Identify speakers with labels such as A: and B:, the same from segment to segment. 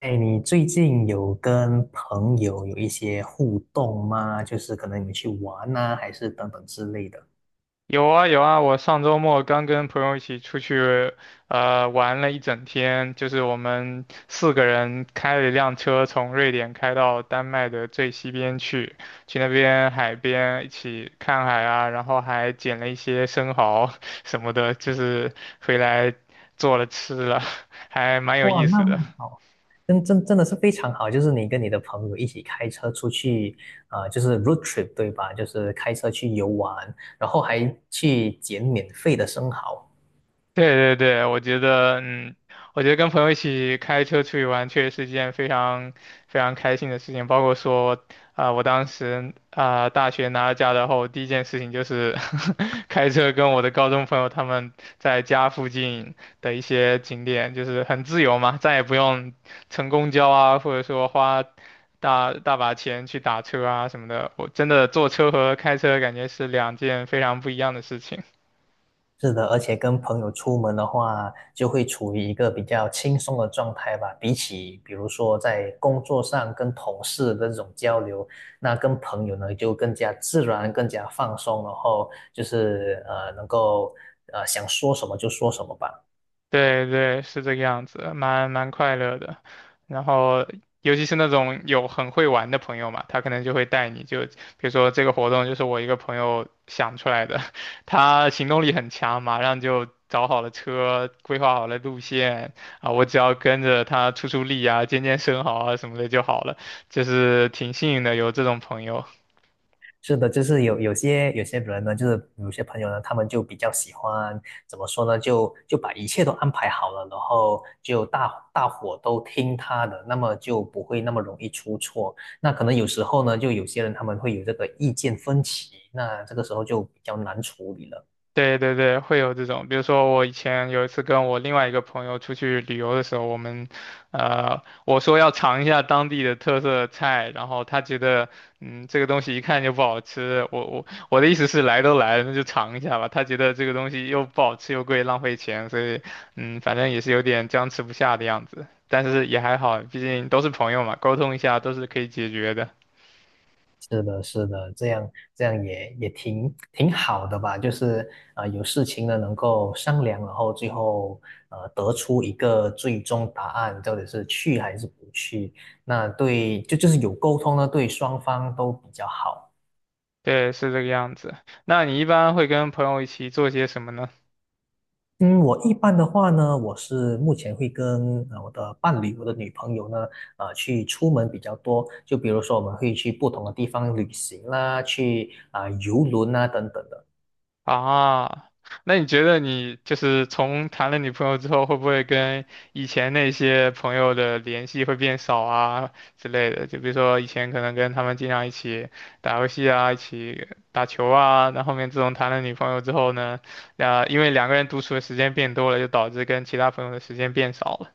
A: 哎，你最近有跟朋友有一些互动吗？就是可能你们去玩呐、还是等等之类的。
B: 有啊有啊，我上周末刚跟朋友一起出去，玩了一整天，就是我们四个人开了一辆车从瑞典开到丹麦的最西边去，去那边海边一起看海啊，然后还捡了一些生蚝 什么的，就是回来做了吃了，还蛮有
A: 哇，
B: 意
A: 那
B: 思
A: 么
B: 的。
A: 好，真的是非常好，就是你跟你的朋友一起开车出去，就是 road trip 对吧？就是开车去游玩，然后还去捡免费的生蚝。
B: 对对对，我觉得，我觉得跟朋友一起开车出去玩，确实是一件非常非常开心的事情。包括说，啊、我当时啊、大学拿了驾照后，第一件事情就是 开车跟我的高中朋友他们在家附近的一些景点，就是很自由嘛，再也不用乘公交啊，或者说花大大把钱去打车啊什么的。我真的坐车和开车感觉是两件非常不一样的事情。
A: 是的，而且跟朋友出门的话，就会处于一个比较轻松的状态吧。比起比如说在工作上跟同事的这种交流，那跟朋友呢就更加自然、更加放松，然后就是能够想说什么就说什么吧。
B: 对对，是这个样子，蛮快乐的。然后，尤其是那种有很会玩的朋友嘛，他可能就会带你就，比如说这个活动就是我一个朋友想出来的，他行动力很强，马上就找好了车，规划好了路线啊，我只要跟着他出出力啊，健健生蚝啊什么的就好了，就是挺幸运的有这种朋友。
A: 是的，就是有些人呢，就是有些朋友呢，他们就比较喜欢怎么说呢，就把一切都安排好了，然后就大伙都听他的，那么就不会那么容易出错。那可能有时候呢，就有些人他们会有这个意见分歧，那这个时候就比较难处理了。
B: 对对对，会有这种，比如说我以前有一次跟我另外一个朋友出去旅游的时候，我们，我说要尝一下当地的特色菜，然后他觉得，这个东西一看就不好吃，我的意思是来都来了，那就尝一下吧。他觉得这个东西又不好吃又贵，浪费钱，所以，反正也是有点僵持不下的样子，但是也还好，毕竟都是朋友嘛，沟通一下都是可以解决的。
A: 是的，是的，这样也挺好的吧，就是有事情呢能够商量，然后最后得出一个最终答案，到底是去还是不去。那对，就是有沟通呢，对双方都比较好。
B: 对，是这个样子。那你一般会跟朋友一起做些什么呢？
A: 嗯，我一般的话呢，我是目前会跟我的伴侣、我的女朋友呢，去出门比较多。就比如说，我们会去不同的地方旅行啦，去啊、游轮啊等等的。
B: 啊，那你觉得你就是从谈了女朋友之后，会不会跟以前那些朋友的联系会变少啊之类的？就比如说以前可能跟他们经常一起打游戏啊，一起打球啊，那后面自从谈了女朋友之后呢，啊，因为两个人独处的时间变多了，就导致跟其他朋友的时间变少了。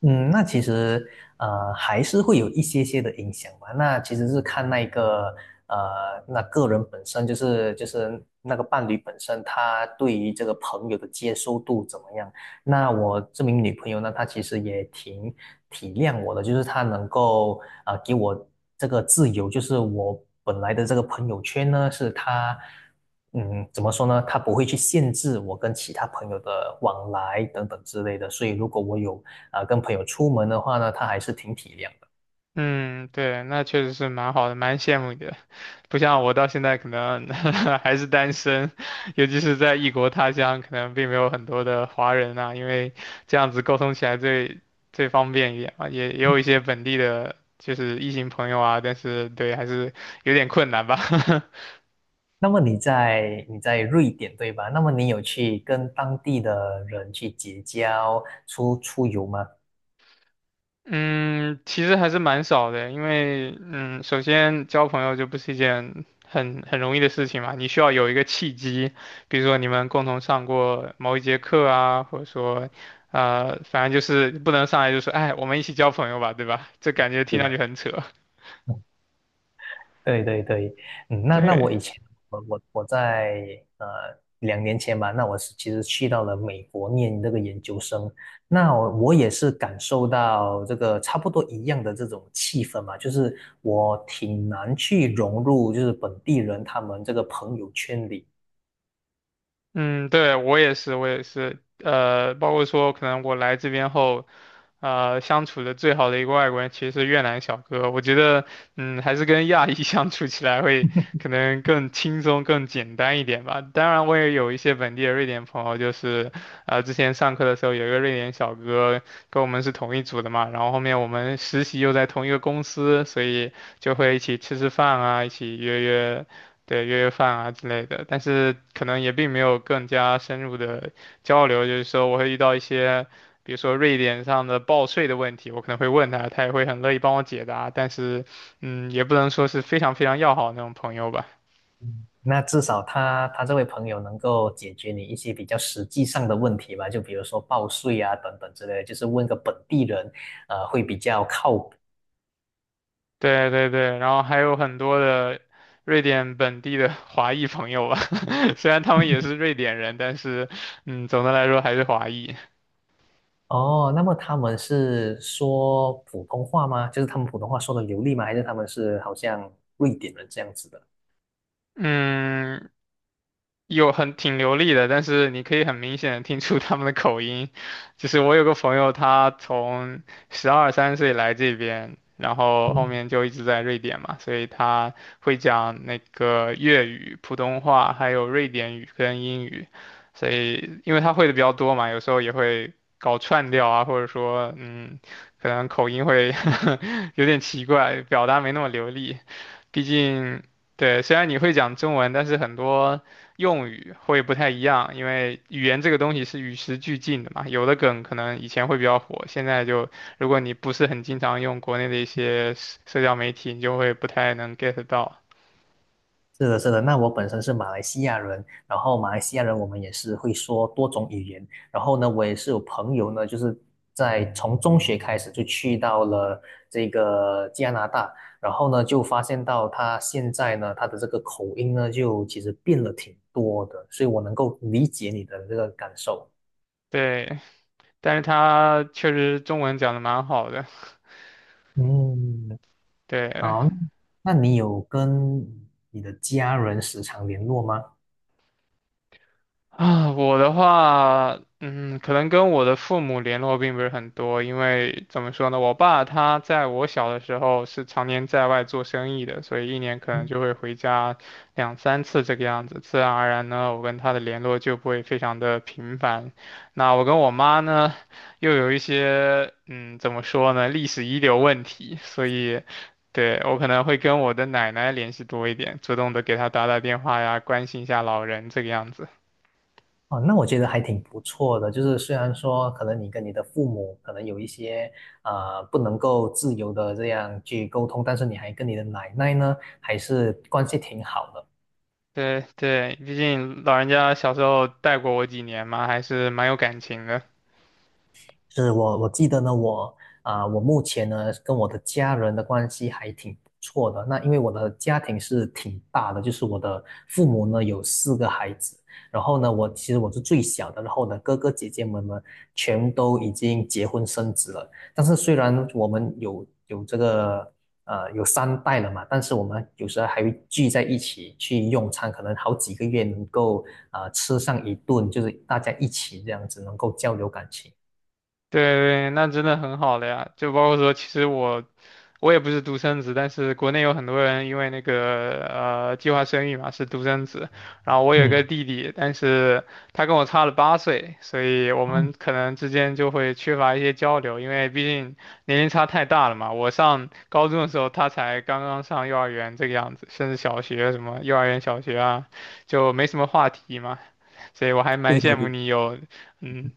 A: 嗯，那其实还是会有一些些的影响吧。那其实是看那一个那个人本身，就是那个伴侣本身，他对于这个朋友的接受度怎么样。那我这名女朋友呢，她其实也挺体谅我的，就是她能够给我这个自由，就是我本来的这个朋友圈呢，是她。嗯，怎么说呢？她不会去限制我跟其他朋友的往来等等之类的，所以如果我有跟朋友出门的话呢，他还是挺体谅的。
B: 嗯，对，那确实是蛮好的，蛮羡慕你的。不像我到现在可能 还是单身，尤其是在异国他乡，可能并没有很多的华人啊，因为这样子沟通起来最方便一点嘛。也有一些本地的，就是异性朋友啊，但是对，还是有点困难吧。
A: 那么你在瑞典对吧？那么你有去跟当地的人去结交、出出游吗？
B: 嗯，其实还是蛮少的，因为首先交朋友就不是一件很容易的事情嘛，你需要有一个契机，比如说你们共同上过某一节课啊，或者说，反正就是不能上来就说，哎，我们一起交朋友吧，对吧？这感觉
A: 是
B: 听
A: 的，
B: 上去很扯，
A: 嗯，对对对，嗯，那那我
B: 对。
A: 以前我在呃2年前吧，那我是其实去到了美国念这个研究生，那我也是感受到这个差不多一样的这种气氛嘛，就是我挺难去融入就是本地人他们这个朋友圈里。
B: 嗯，对，我也是，我也是，包括说可能我来这边后，相处的最好的一个外国人其实是越南小哥，我觉得，还是跟亚裔 相处起来会可能更轻松、更简单一点吧。当然，我也有一些本地的瑞典朋友，就是，之前上课的时候有一个瑞典小哥跟我们是同一组的嘛，然后后面我们实习又在同一个公司，所以就会一起吃吃饭啊，一起约约。对，约约饭啊之类的，但是可能也并没有更加深入的交流。就是说，我会遇到一些，比如说瑞典上的报税的问题，我可能会问他，他也会很乐意帮我解答。但是，也不能说是非常非常要好那种朋友吧。
A: 那至少他这位朋友能够解决你一些比较实际上的问题吧，就比如说报税啊等等之类的就是问个本地人，会比较靠谱。
B: 对对对，然后还有很多的瑞典本地的 华裔朋友吧，虽然他们也是瑞典人，但是，总的来说还是华裔。
A: 哦，那么他们是说普通话吗？就是他们普通话说的流利吗？还是他们是好像瑞典人这样子的？
B: 嗯，有很挺流利的，但是你可以很明显的听出他们的口音。就是我有个朋友，他从12、13岁来这边，然后后
A: 嗯。
B: 面就一直在瑞典嘛，所以他会讲那个粤语、普通话，还有瑞典语跟英语。所以因为他会的比较多嘛，有时候也会搞串调啊，或者说可能口音会 有点奇怪，表达没那么流利。毕竟，对，虽然你会讲中文，但是很多用语会不太一样，因为语言这个东西是与时俱进的嘛。有的梗可能以前会比较火，现在就如果你不是很经常用国内的一些社交媒体，你就会不太能 get 到。
A: 是的，是的。那我本身是马来西亚人，然后马来西亚人我们也是会说多种语言。然后呢，我也是有朋友呢，就是在从中学开始就去到了这个加拿大，然后呢就发现到他现在呢他的这个口音呢就其实变了挺多的，所以我能够理解你的这个感受。
B: 对，但是他确实中文讲的蛮好的，
A: 嗯，
B: 对。
A: 好，那你有跟你的家人时常联络吗？
B: 啊，我的话，可能跟我的父母联络并不是很多，因为怎么说呢，我爸他在我小的时候是常年在外做生意的，所以一年可能就会回家2、3次这个样子，自然而然呢，我跟他的联络就不会非常的频繁。那我跟我妈呢，又有一些，怎么说呢，历史遗留问题，所以。对，我可能会跟我的奶奶联系多一点，主动的给她打打电话呀，关心一下老人这个样子。
A: 哦，那我觉得还挺不错的。就是虽然说可能你跟你的父母可能有一些不能够自由的这样去沟通，但是你还跟你的奶奶呢还是关系挺好的。
B: 对对，毕竟老人家小时候带过我几年嘛，还是蛮有感情的。
A: 是我记得呢，我我目前呢跟我的家人的关系还挺不错的。那因为我的家庭是挺大的，就是我的父母呢有四个孩子，然后呢我其实我是最小的，然后我的哥哥姐姐们呢全都已经结婚生子了。但是虽然我们有这个有三代了嘛，但是我们有时候还会聚在一起去用餐，可能好几个月能够吃上一顿，就是大家一起这样子能够交流感情。
B: 对对，那真的很好了呀。就包括说，其实我也不是独生子，但是国内有很多人因为那个计划生育嘛是独生子，然后我有一个
A: 嗯。
B: 弟弟，但是他跟我差了8岁，所以我们
A: 哦，
B: 可能之间就会缺乏一些交流，因为毕竟年龄差太大了嘛。我上高中的时候，他才刚刚上幼儿园这个样子，甚至小学什么幼儿园、小学啊，就没什么话题嘛，所以我还蛮
A: 对
B: 羡
A: 对
B: 慕
A: 对，
B: 你有嗯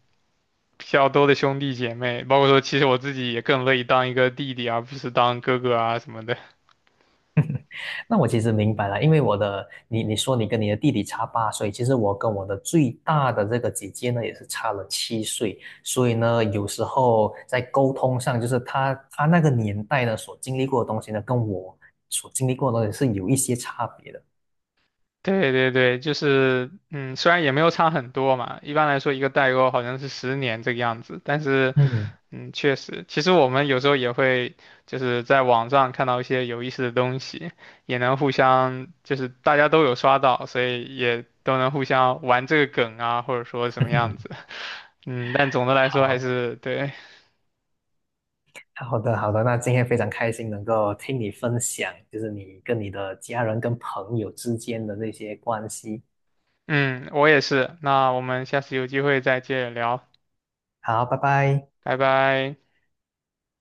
B: 比较多的兄弟姐妹，包括说其实我自己也更乐意当一个弟弟，而不是当哥哥啊什么的。
A: 那我其实明白了，因为我的，你说你跟你的弟弟差8岁，其实我跟我的最大的这个姐姐呢，也是差了7岁，所以呢，有时候在沟通上，就是她那个年代呢所经历过的东西呢，跟我所经历过的东西是有一些差别的。
B: 对对对，就是虽然也没有差很多嘛，一般来说一个代沟好像是10年这个样子，但是
A: 嗯，
B: 确实，其实我们有时候也会就是在网上看到一些有意思的东西，也能互相就是大家都有刷到，所以也都能互相玩这个梗啊，或者说什么样子，但总的来说还
A: 好
B: 是对，
A: 好的好的，那今天非常开心能够听你分享，就是你跟你的家人跟朋友之间的那些关系。
B: 嗯，我也是。那我们下次有机会再接着聊，
A: 好，拜拜。
B: 拜拜。